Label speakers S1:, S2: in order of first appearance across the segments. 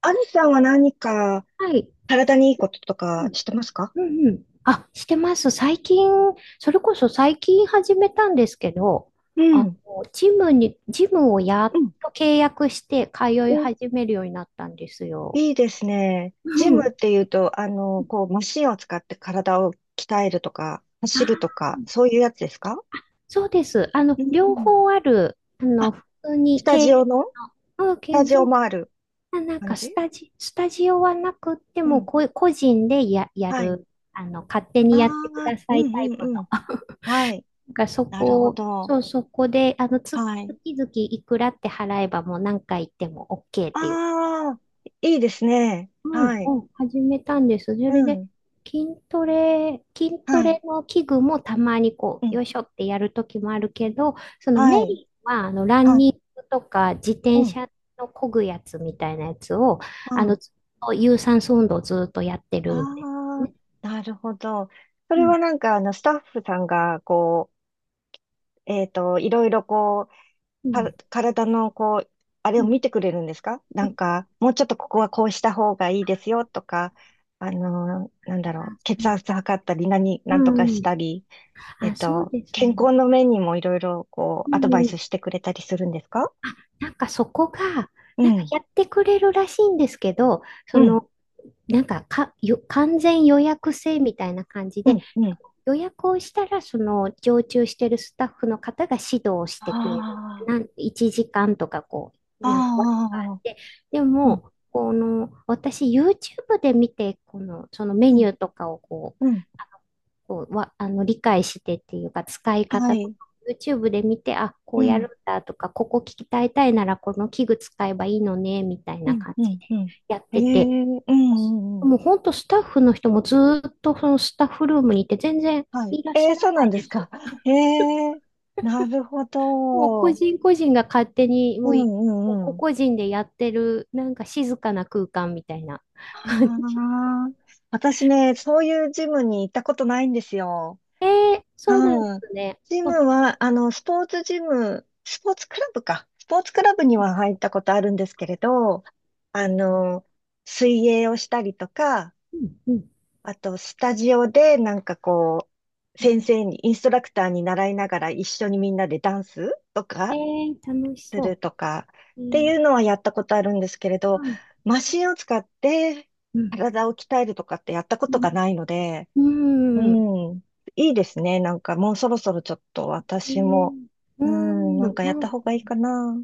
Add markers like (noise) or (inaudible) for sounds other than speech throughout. S1: アミさんは何か
S2: はい。
S1: 体にいいことと
S2: う
S1: か
S2: ん。
S1: してますか？
S2: うんうん。あ、してます。最近、それこそ最近始めたんですけど、
S1: う
S2: あの、
S1: ん。
S2: ジムをやっ
S1: うん。
S2: と契約して通い
S1: お、
S2: 始めるようになったんですよ。
S1: いいですね。ジ
S2: う
S1: ムっ
S2: ん。
S1: ていうと、こう、マシンを使って体を鍛えるとか、走ると
S2: あ、
S1: か、そういうやつですか？
S2: そうです。
S1: うんう
S2: 両
S1: ん。
S2: 方ある、
S1: あ、
S2: 普通
S1: ス
S2: に
S1: タ
S2: 系
S1: ジオ
S2: 列
S1: のス
S2: の、うん、
S1: タ
S2: け
S1: ジオ
S2: そう、
S1: もある
S2: あ、
S1: 感じ。
S2: スタジオはなくって
S1: う
S2: も、
S1: ん。
S2: こう個人でや
S1: はい。
S2: る、あの、勝手
S1: あ
S2: にやってく
S1: あ、
S2: だ
S1: う
S2: さい
S1: ん
S2: タイ
S1: う
S2: プ
S1: んうん。
S2: の。
S1: はい。なるほど。
S2: そこで、あの、
S1: はい。
S2: 月々いくらって払えばもう何回行っても OK っていう。
S1: ああ、いいですね。
S2: うん
S1: はい。
S2: うん、始めたんです。そ
S1: う
S2: れで、
S1: ん。
S2: 筋ト
S1: はい。
S2: レの器具もたまにこ
S1: う
S2: う、
S1: ん。
S2: よいしょってやるときもあるけど、その
S1: は
S2: メ
S1: い。
S2: インは、あの、ラン
S1: はい。
S2: ニングとか自転
S1: うん。
S2: 車の漕ぐやつみたいなやつを、
S1: う
S2: あの、
S1: ん。
S2: ずっと有酸素運動をずっとやってるんで
S1: あ
S2: すね。
S1: あ、なるほど。そ
S2: う
S1: れ
S2: ん、
S1: はなんか、スタッフさんが、こう、いろいろこう、
S2: うん、
S1: 体の、こう、あれ
S2: う
S1: を
S2: ん、
S1: 見てくれるんですか？な
S2: う
S1: ん
S2: ん。
S1: か、もうちょっとここはこうした方がいいですよとか、なんだろ
S2: あ、
S1: う、
S2: そ
S1: 血
S2: う。
S1: 圧測ったり、
S2: う
S1: なんとかし
S2: ん。
S1: たり、
S2: あ、そうです
S1: 健
S2: ね。
S1: 康の面にもいろいろ、こう、
S2: う
S1: アドバイ
S2: ん、
S1: スしてくれたりするんですか？
S2: あ、なんかそこが、
S1: う
S2: なんか
S1: ん、
S2: やってくれるらしいんですけど、
S1: う
S2: そ
S1: ん、
S2: の、完全予約制みたいな感じ
S1: う
S2: で、
S1: ん、うん。
S2: 予約をしたら、その常駐してるスタッフの方が指導をしてくれる。
S1: あ
S2: 1時間とかこう、
S1: あ、
S2: なんか枠があ
S1: あ
S2: っ
S1: あ、
S2: て、で
S1: うん、
S2: も、この、私 YouTube で見て、この、そのメ
S1: うん、
S2: ニューとかをこう、
S1: うん。
S2: ああの、理解してっていうか、使い
S1: は
S2: 方とか、
S1: い、
S2: YouTube で見て、あ、こ
S1: う
S2: うやる
S1: ん。
S2: んだとか、ここ聞きたいたいなら、この器具使えばいいのね、みたい
S1: う
S2: な
S1: ん
S2: 感
S1: う
S2: じで
S1: んうん。
S2: やっ
S1: え
S2: て
S1: え
S2: て、
S1: うんうんうん。
S2: もう本当スタッフの人もずーっとそのスタッフルームにいて全然
S1: はい。
S2: いらっし
S1: え
S2: ゃ
S1: え、
S2: ら
S1: そ
S2: な
S1: うなん
S2: い
S1: で
S2: で
S1: す
S2: す。
S1: か。ええ、なるほ
S2: もう
S1: ど。
S2: 個
S1: うん
S2: 人個人が勝手に
S1: う
S2: もうい、もう
S1: ん
S2: 個
S1: うん。
S2: 々人でやってるなんか静かな空間みたいな感じ。
S1: ああ、私ね、そういうジムに行ったことないんですよ。
S2: (laughs) えー、そうなんで
S1: うん。
S2: すね。
S1: ジ
S2: あ、
S1: ムは、スポーツジム、スポーツクラブか。スポーツクラブには入ったことあるんですけれど、あの、水泳をしたりとか、
S2: うんう
S1: あと、スタジオで、なんかこう、先
S2: ん。
S1: 生に、インストラクターに習いながら一緒にみんなでダンスと
S2: え
S1: か
S2: ー、楽し
S1: す
S2: そ
S1: るとか
S2: う。え
S1: って
S2: ー、
S1: いうのはやったことあるんですけれど、
S2: うん、
S1: マシンを使って
S2: うん、
S1: 体を鍛えるとかってやったこ
S2: う
S1: とがないので、
S2: ん、
S1: う
S2: うん、
S1: ん、いいですね。なんかもうそろそろちょっと
S2: え
S1: 私
S2: ー、
S1: も、
S2: う
S1: うん、
S2: ん、
S1: なんかやった方がいいかな、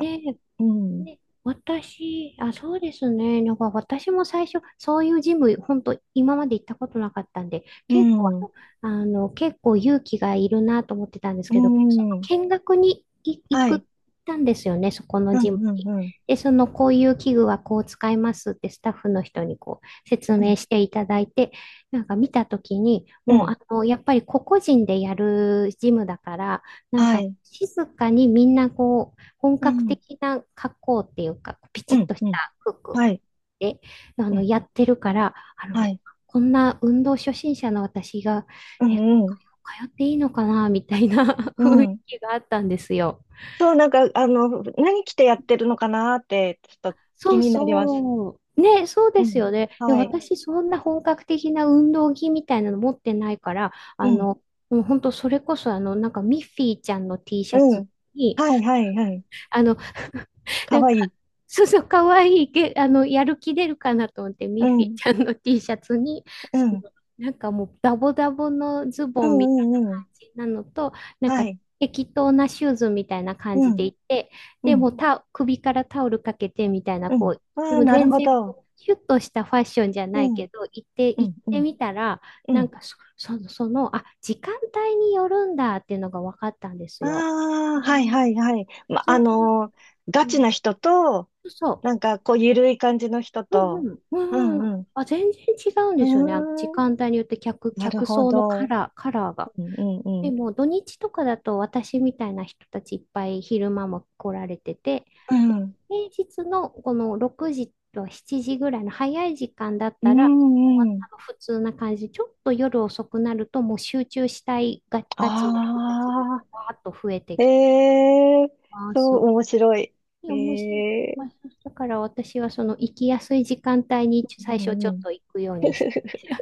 S2: えー、
S1: うん、
S2: ね、私、あ、そうですね。なんか私も最初、そういうジム、本当今まで行ったことなかったんで、
S1: う
S2: 結構、あ
S1: ん、
S2: の、あの結構勇気がいるなと思ってたんです
S1: う
S2: けど、その
S1: ん、
S2: 見学に行
S1: は
S2: くっ
S1: い、
S2: たんですよね、そこの
S1: う
S2: ジム
S1: ん、う
S2: に。
S1: ん、うん、
S2: で、その、こういう器具はこう使いますってスタッフの人にこう説
S1: う
S2: 明
S1: ん、
S2: していただいて、なんか見たときに、
S1: う
S2: もう、
S1: ん、
S2: あの、やっぱり個々人でやるジムだから、なん
S1: は
S2: か
S1: い。
S2: 静かにみんなこう、本
S1: う
S2: 格
S1: ん
S2: 的な格好っていうか、ピチ
S1: う
S2: ッ
S1: ん、
S2: とし
S1: うん、
S2: た服
S1: はい、
S2: で、あ
S1: う
S2: の、
S1: ん、
S2: やってるから、あ
S1: は
S2: の、
S1: い、
S2: こんな運動初心者の私が、
S1: う
S2: え、
S1: ん、うん、
S2: 通っていいのかな、みたいな (laughs)
S1: う
S2: 雰囲
S1: ん。
S2: 気があったんですよ。
S1: そう、なんか、何着てやってるのかなーって、ちょっと気
S2: そう
S1: になります。
S2: そう。ね、そう
S1: う
S2: です
S1: ん、
S2: よね。いや、
S1: はい、
S2: 私、そんな本格的な運動着みたいなの持ってないから、
S1: う
S2: あ
S1: ん、
S2: の、もう本当、それこそ、あの、なんか、ミッフィーちゃんの T シャ
S1: う
S2: ツ
S1: ん、
S2: に、
S1: はい、はい、はい、
S2: あの、(laughs)
S1: か
S2: なん
S1: わい
S2: か、
S1: い。
S2: そうそう、かわいいけ、あの、やる気出るかなと思って、ミ
S1: う
S2: ッフィー
S1: ん、
S2: ちゃんの T シャツに、
S1: う
S2: そ
S1: ん、
S2: の、なんかもう、ダボダボのズ
S1: う
S2: ボンみたい
S1: ん、うん、うん、
S2: な感じなのと、なん
S1: は
S2: か、
S1: い、
S2: 適当なシューズみたいな感
S1: う
S2: じ
S1: ん、
S2: でいて、
S1: う
S2: で
S1: ん、
S2: も首からタオルかけてみたいな、
S1: う
S2: こ
S1: ん。
S2: う、
S1: あ
S2: で
S1: あ、
S2: も
S1: なる
S2: 全
S1: ほ
S2: 然
S1: ど。
S2: こう、シュッとしたファッションじゃ
S1: う
S2: ない
S1: ん、
S2: けど、
S1: う
S2: 行っ
S1: ん、う
S2: て
S1: ん、
S2: みたら、
S1: うん。
S2: あ、時間帯によるんだっていうのが分かったんです
S1: あ
S2: よ。う
S1: あ、はい、
S2: ん、
S1: はい、はい。ま、
S2: そういう、
S1: ガ
S2: う
S1: チ
S2: ん、
S1: な人と、
S2: そうそ
S1: なんか、こう、ゆるい感じの人
S2: う。う
S1: と、
S2: んうん。
S1: う
S2: うんうん。
S1: ん、うん。
S2: あ、全然違うん
S1: う
S2: ですよね。あの時
S1: ーん、
S2: 間帯によって
S1: なる
S2: 客
S1: ほ
S2: 層の
S1: ど。
S2: カラーが。
S1: うんうんう
S2: で
S1: ん。
S2: も土日とかだと私みたいな人たちいっぱい昼間も来られてて、
S1: う
S2: で
S1: ん。
S2: 平日のこの6時と7時ぐらいの早い時間だっ
S1: う
S2: たら、終わっ
S1: んう
S2: た
S1: ん。
S2: の普通な感じで、ちょっと夜遅くなるともう集中したいが、ガチの人たちが
S1: ああ、
S2: わーっと増えて
S1: え
S2: きて、
S1: えー、
S2: あー
S1: そ
S2: す
S1: う、面白い。
S2: い
S1: え
S2: や面白い。
S1: えー、
S2: あ、そうだから私はその行きやすい時間帯に
S1: う
S2: 最初ち
S1: ん
S2: ょっ
S1: うん。
S2: と行くようにしてま、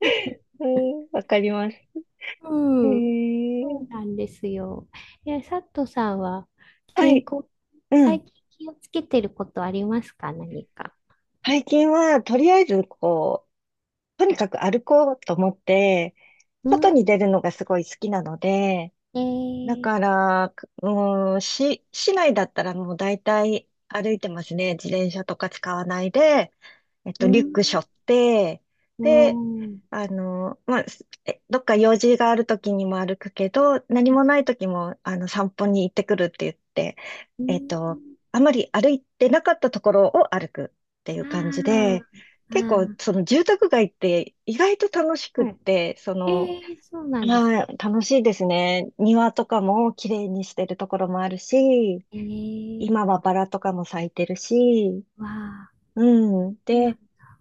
S1: (laughs) うん、わかります。
S2: うん。そ
S1: え
S2: う
S1: え、
S2: なんですよ。え、佐藤さんは
S1: は
S2: 健
S1: い、
S2: 康、
S1: うん。
S2: 最近気をつけてることありますか何か。
S1: 最近は、とりあえず、こう、とにかく歩こうと思って、
S2: う
S1: 外に
S2: ん。
S1: 出るのがすごい好きなので、
S2: え
S1: だ
S2: ー、
S1: から、うん、市内だったらもう大体歩いてますね。自転車とか使わないで、
S2: う
S1: リュッ
S2: ん。
S1: ク背負って、
S2: お
S1: で、
S2: ー。
S1: まあ、すえどっか用事がある時にも歩くけど、何もない時も、散歩に行ってくるって言って、
S2: う
S1: えっ
S2: ん。
S1: と、あまり歩いてなかったところを歩くっていう感じ
S2: あ
S1: で、
S2: あ。
S1: 結構、
S2: あ
S1: その住宅街って意外と楽し
S2: あ。
S1: くっ
S2: はい。
S1: て、そ
S2: え
S1: の、
S2: ー、そうなんですね。
S1: はい、楽しいですね。庭とかも綺麗にしてるところもあるし、
S2: えー、
S1: 今はバラとかも咲いてるし、
S2: わあ。
S1: うん。
S2: そうな
S1: で、
S2: ん、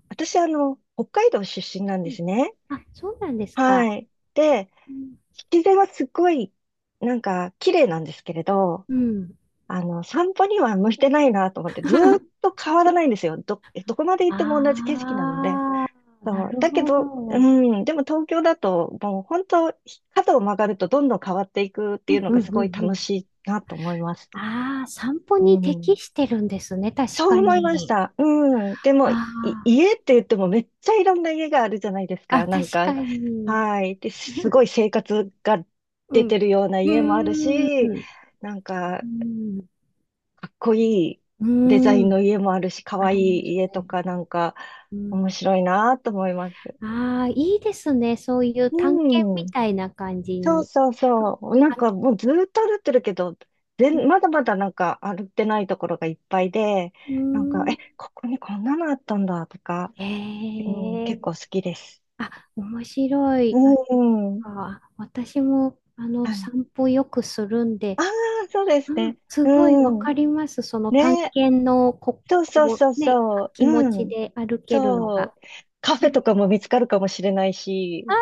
S1: 私、北海道出身なん
S2: う
S1: で
S2: ん、
S1: すね。
S2: あ、そうなんですか。
S1: はい。で、
S2: うん。
S1: 自然はすっごい、なんか、綺麗なんですけれど、
S2: うん。
S1: 散歩には向いてないなと思って、ずーっ
S2: (laughs)
S1: と変わらないんですよ。どこまで行
S2: あ
S1: っても同じ景色なので。
S2: あ、な
S1: そう。
S2: る
S1: だけ
S2: ほ
S1: ど、う
S2: ど。
S1: ん、でも東京だと、もう本当、角を曲がるとどんどん変わっていくって
S2: う
S1: いう
S2: ん
S1: の
S2: うん
S1: がす
S2: う
S1: ごい
S2: んう
S1: 楽
S2: ん。
S1: しいなと思います。
S2: ああ、散歩
S1: う
S2: に適
S1: ん。
S2: してるんですね、確
S1: そう
S2: か
S1: 思いまし
S2: に。
S1: た。うん。でも、
S2: あ
S1: 家って言ってもめっちゃいろんな家があるじゃないです
S2: あ、あ、
S1: か。なん
S2: 確か
S1: か、
S2: に。
S1: はい。で、すごい生活が
S2: う
S1: 出
S2: ん。
S1: て
S2: う
S1: るような家もある
S2: ーん。
S1: し、なん
S2: う
S1: か、
S2: ん。
S1: かっこいい
S2: うー
S1: デザイン
S2: ん。
S1: の家もあるし、か
S2: あ
S1: わい
S2: ります
S1: い家と
S2: ね。
S1: か、なんか、
S2: う
S1: 面
S2: ん。
S1: 白いなと思います。
S2: ああ、いいですね。そういう探検
S1: うん。
S2: みたいな感じ
S1: そう
S2: に。
S1: そうそう。なん
S2: あ、
S1: かもうずーっと歩ってるけど、
S2: うん。
S1: まだまだなんか歩ってないところがいっぱいで、
S2: う
S1: なんか、
S2: ー
S1: え、
S2: ん。
S1: ここにこんなのあったんだとか、うん、結
S2: え
S1: 構好
S2: え、
S1: きです。
S2: あ、面白
S1: う
S2: い。あ、
S1: んうん。
S2: なんか私も、あの、
S1: はい。
S2: 散歩よくするんで、
S1: ああ、そうです
S2: うん、
S1: ね。
S2: すごいわ
S1: うん。
S2: かります。その探
S1: ね。
S2: 検の、
S1: そうそう
S2: こ
S1: そう
S2: うね、
S1: そう。
S2: 気持
S1: う
S2: ち
S1: ん。
S2: で歩けるの
S1: そ
S2: が。
S1: う。カフェとかも見つかるかもしれない
S2: あ
S1: し。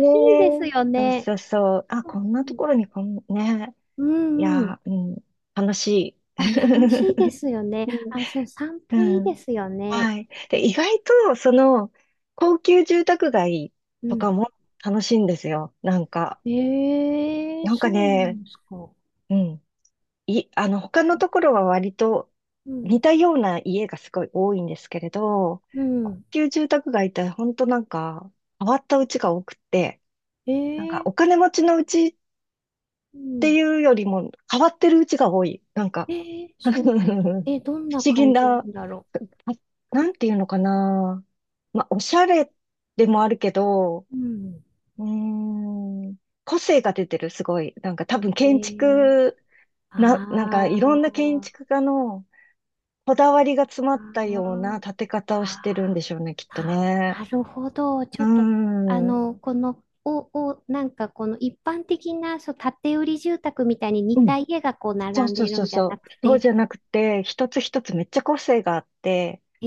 S2: あー、いいです
S1: え。
S2: よ
S1: そう
S2: ね。
S1: そうそう。あ、こんなところにこん、ね。
S2: う
S1: い
S2: んうん。
S1: やー、うん。楽しい。
S2: あ、楽しいで
S1: (laughs)
S2: すよね。あ、
S1: う
S2: そう、散歩
S1: ん
S2: いい
S1: うん。
S2: ですよね。
S1: はい。
S2: う
S1: で、意
S2: ん
S1: 外と、その、高級住宅街
S2: う
S1: とか
S2: ん。
S1: も楽しいんですよ。なんか、
S2: ええ、
S1: なんか
S2: そうな
S1: ね、
S2: んですか。
S1: うん。他のところは割と
S2: うん。
S1: 似たような家がすごい多いんですけれど、
S2: う
S1: 高
S2: ん。
S1: 級住宅街って本当なんか、変わった家が多くって、なんか、
S2: え
S1: お
S2: え、
S1: 金持ちの家っ
S2: う
S1: て
S2: ん。
S1: いうよりも、変わってる家が多い。なんか、
S2: えー、
S1: (laughs)
S2: そうなんだ。
S1: 不
S2: え、どんな
S1: 思議
S2: 感じ
S1: な、
S2: な
S1: あ、
S2: んだろ
S1: なんていうのかな。まあ、おしゃれでもあるけど、
S2: う。うん。
S1: うーん、個性が出てる、すごい。なんか多分
S2: え
S1: 建
S2: ー、
S1: 築、なんか
S2: あ
S1: いろんな建
S2: ー、
S1: 築家のこだわりが詰ま
S2: あ
S1: ったような
S2: ー、
S1: 建て方をしてるん
S2: あ
S1: でしょうね、き
S2: ー、
S1: っと
S2: あ、
S1: ね。
S2: なるほど。ち
S1: う
S2: ょ
S1: ー
S2: っと、あ
S1: ん、う
S2: の、この、お、お、なんかこの一般的な、そう、建て売り住宅みたいに似
S1: ん、
S2: た家がこう
S1: そう
S2: 並ん
S1: そう
S2: で
S1: そ
S2: る
S1: う
S2: んじゃ
S1: そ
S2: な
S1: う。
S2: く
S1: そう
S2: て、
S1: じゃなくて、一つ一つめっちゃ個性があって、
S2: え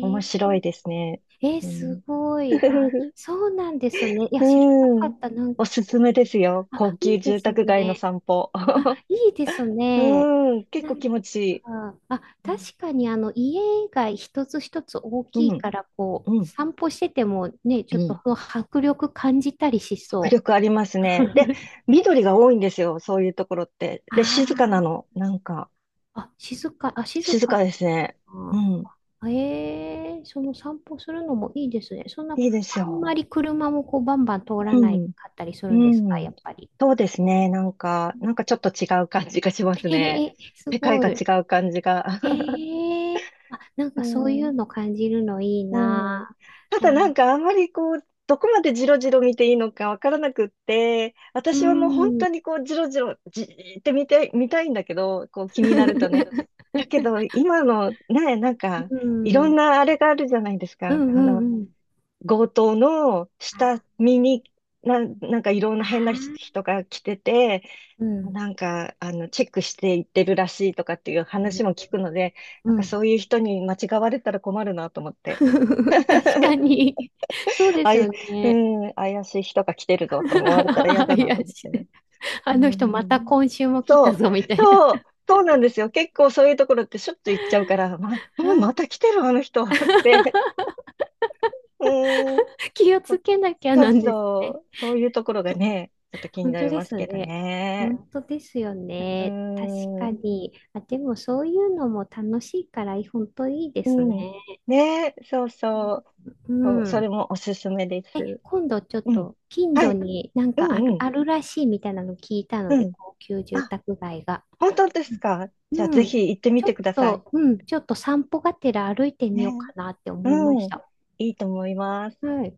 S1: 面白いですね。
S2: えー、
S1: う
S2: す
S1: ん。
S2: ごい。あ、
S1: (laughs)
S2: そうなんですね。いや、
S1: う
S2: 知らなか
S1: ん。
S2: った。なん
S1: お
S2: か
S1: すす
S2: こう。
S1: めですよ。
S2: あ、
S1: 高
S2: い
S1: 級
S2: いで
S1: 住
S2: す
S1: 宅街の
S2: ね。
S1: 散歩。
S2: あ、
S1: (laughs)
S2: いいですね。
S1: うん。結
S2: な
S1: 構
S2: ん
S1: 気
S2: か、
S1: 持ちいい。
S2: あ、確かにあの家が一つ一つ大き
S1: う
S2: い
S1: ん。
S2: から、こ
S1: う
S2: う、
S1: ん。
S2: 散歩しててもね、
S1: う
S2: ちょっと
S1: ん。
S2: 迫力感じたりし
S1: 迫
S2: そ
S1: 力あり
S2: う。
S1: ますね。で、
S2: (laughs)
S1: 緑が多いんですよ。そういうところって。で、
S2: あ
S1: 静かなの。なんか、
S2: あ、あ、静
S1: 静
S2: か
S1: かですね。う
S2: な。
S1: ん。
S2: ええ、その散歩するのもいいですね。そんな、
S1: いいです
S2: あんま
S1: よ。
S2: り車もこうバンバン通らな
S1: う
S2: い
S1: ん。
S2: かったりするんですか、
S1: うん。
S2: やっぱり。
S1: そうですね。なんか、なんかちょっと違う感じがします
S2: (laughs) へ
S1: ね。
S2: へ、す
S1: 世界
S2: ご
S1: が
S2: い。
S1: 違う感じが。(laughs)
S2: へえ、あ、なん
S1: う
S2: かそういう
S1: ん。
S2: の感じるのいい
S1: うん。
S2: な。
S1: た
S2: あ、
S1: だなんかあんまりこう、どこまでジロジロ見ていいのかわからなくって、
S2: う
S1: 私はもう本
S2: ん。
S1: 当にこう、ジロジロ、じーって見て、見たいんだけど、こう気になるとね。
S2: (laughs)
S1: だけど、今のね、なんか、
S2: う
S1: いろん
S2: ん。
S1: なあれがあるじゃないです
S2: う
S1: か。
S2: んうんうん。
S1: 強盗の下見に、なんかいろんな変な人が来てて、
S2: うん。
S1: なんか、チェックしていってるらしいとかっていう話も聞くので、
S2: う
S1: なんか
S2: ん。
S1: そういう人に間違われたら困るなと思っ
S2: (laughs)
S1: て。
S2: 確か
S1: (laughs)
S2: に。そうで
S1: あ
S2: すよ
S1: い、う
S2: ね。
S1: ん、怪しい人が来てるぞと思われたら嫌
S2: (laughs)
S1: だなと
S2: 怪
S1: 思っ
S2: し
S1: て。
S2: い。あの
S1: う
S2: 人また
S1: ん、
S2: 今週も来た
S1: そう、
S2: ぞみたい
S1: そう、
S2: な。
S1: そうなんですよ。結構そういうところってしょっちゅう行っちゃうから、ま、もうまた
S2: (laughs)
S1: 来てるあの人って。(laughs) うん、
S2: 気をつ
S1: そ
S2: けなきゃ
S1: そ
S2: な
S1: う
S2: んです
S1: そ
S2: ね。
S1: う、そういうところがね、ちょっと気に
S2: 本
S1: な
S2: 当
S1: り
S2: で
S1: ます
S2: す
S1: けど
S2: ね。
S1: ね。
S2: 本当ですよ
S1: う
S2: ね。確か
S1: ん、
S2: に。あ、でもそういうのも楽しいから、本当いいです
S1: うん、
S2: ね。
S1: ね、そうそう、
S2: う
S1: そう、そ
S2: ん。
S1: れもおすすめで
S2: え、
S1: す。
S2: 今度ちょっ
S1: うん、
S2: と近
S1: は
S2: 所
S1: い、
S2: になん
S1: う
S2: かあ
S1: ん、
S2: る、
S1: うん、
S2: あるらしいみたいなの聞いたの
S1: う
S2: で、
S1: ん。
S2: 高級住
S1: あ、
S2: 宅街が。
S1: 本当ですか？じゃあ
S2: う
S1: ぜ
S2: ん。
S1: ひ行ってみ
S2: ちょ
S1: て
S2: っ
S1: ください。
S2: と、うん、ちょっと散歩がてら歩いて
S1: ね。
S2: みようかなって思いま
S1: う
S2: し
S1: ん。
S2: た。
S1: いいと思います。
S2: はい。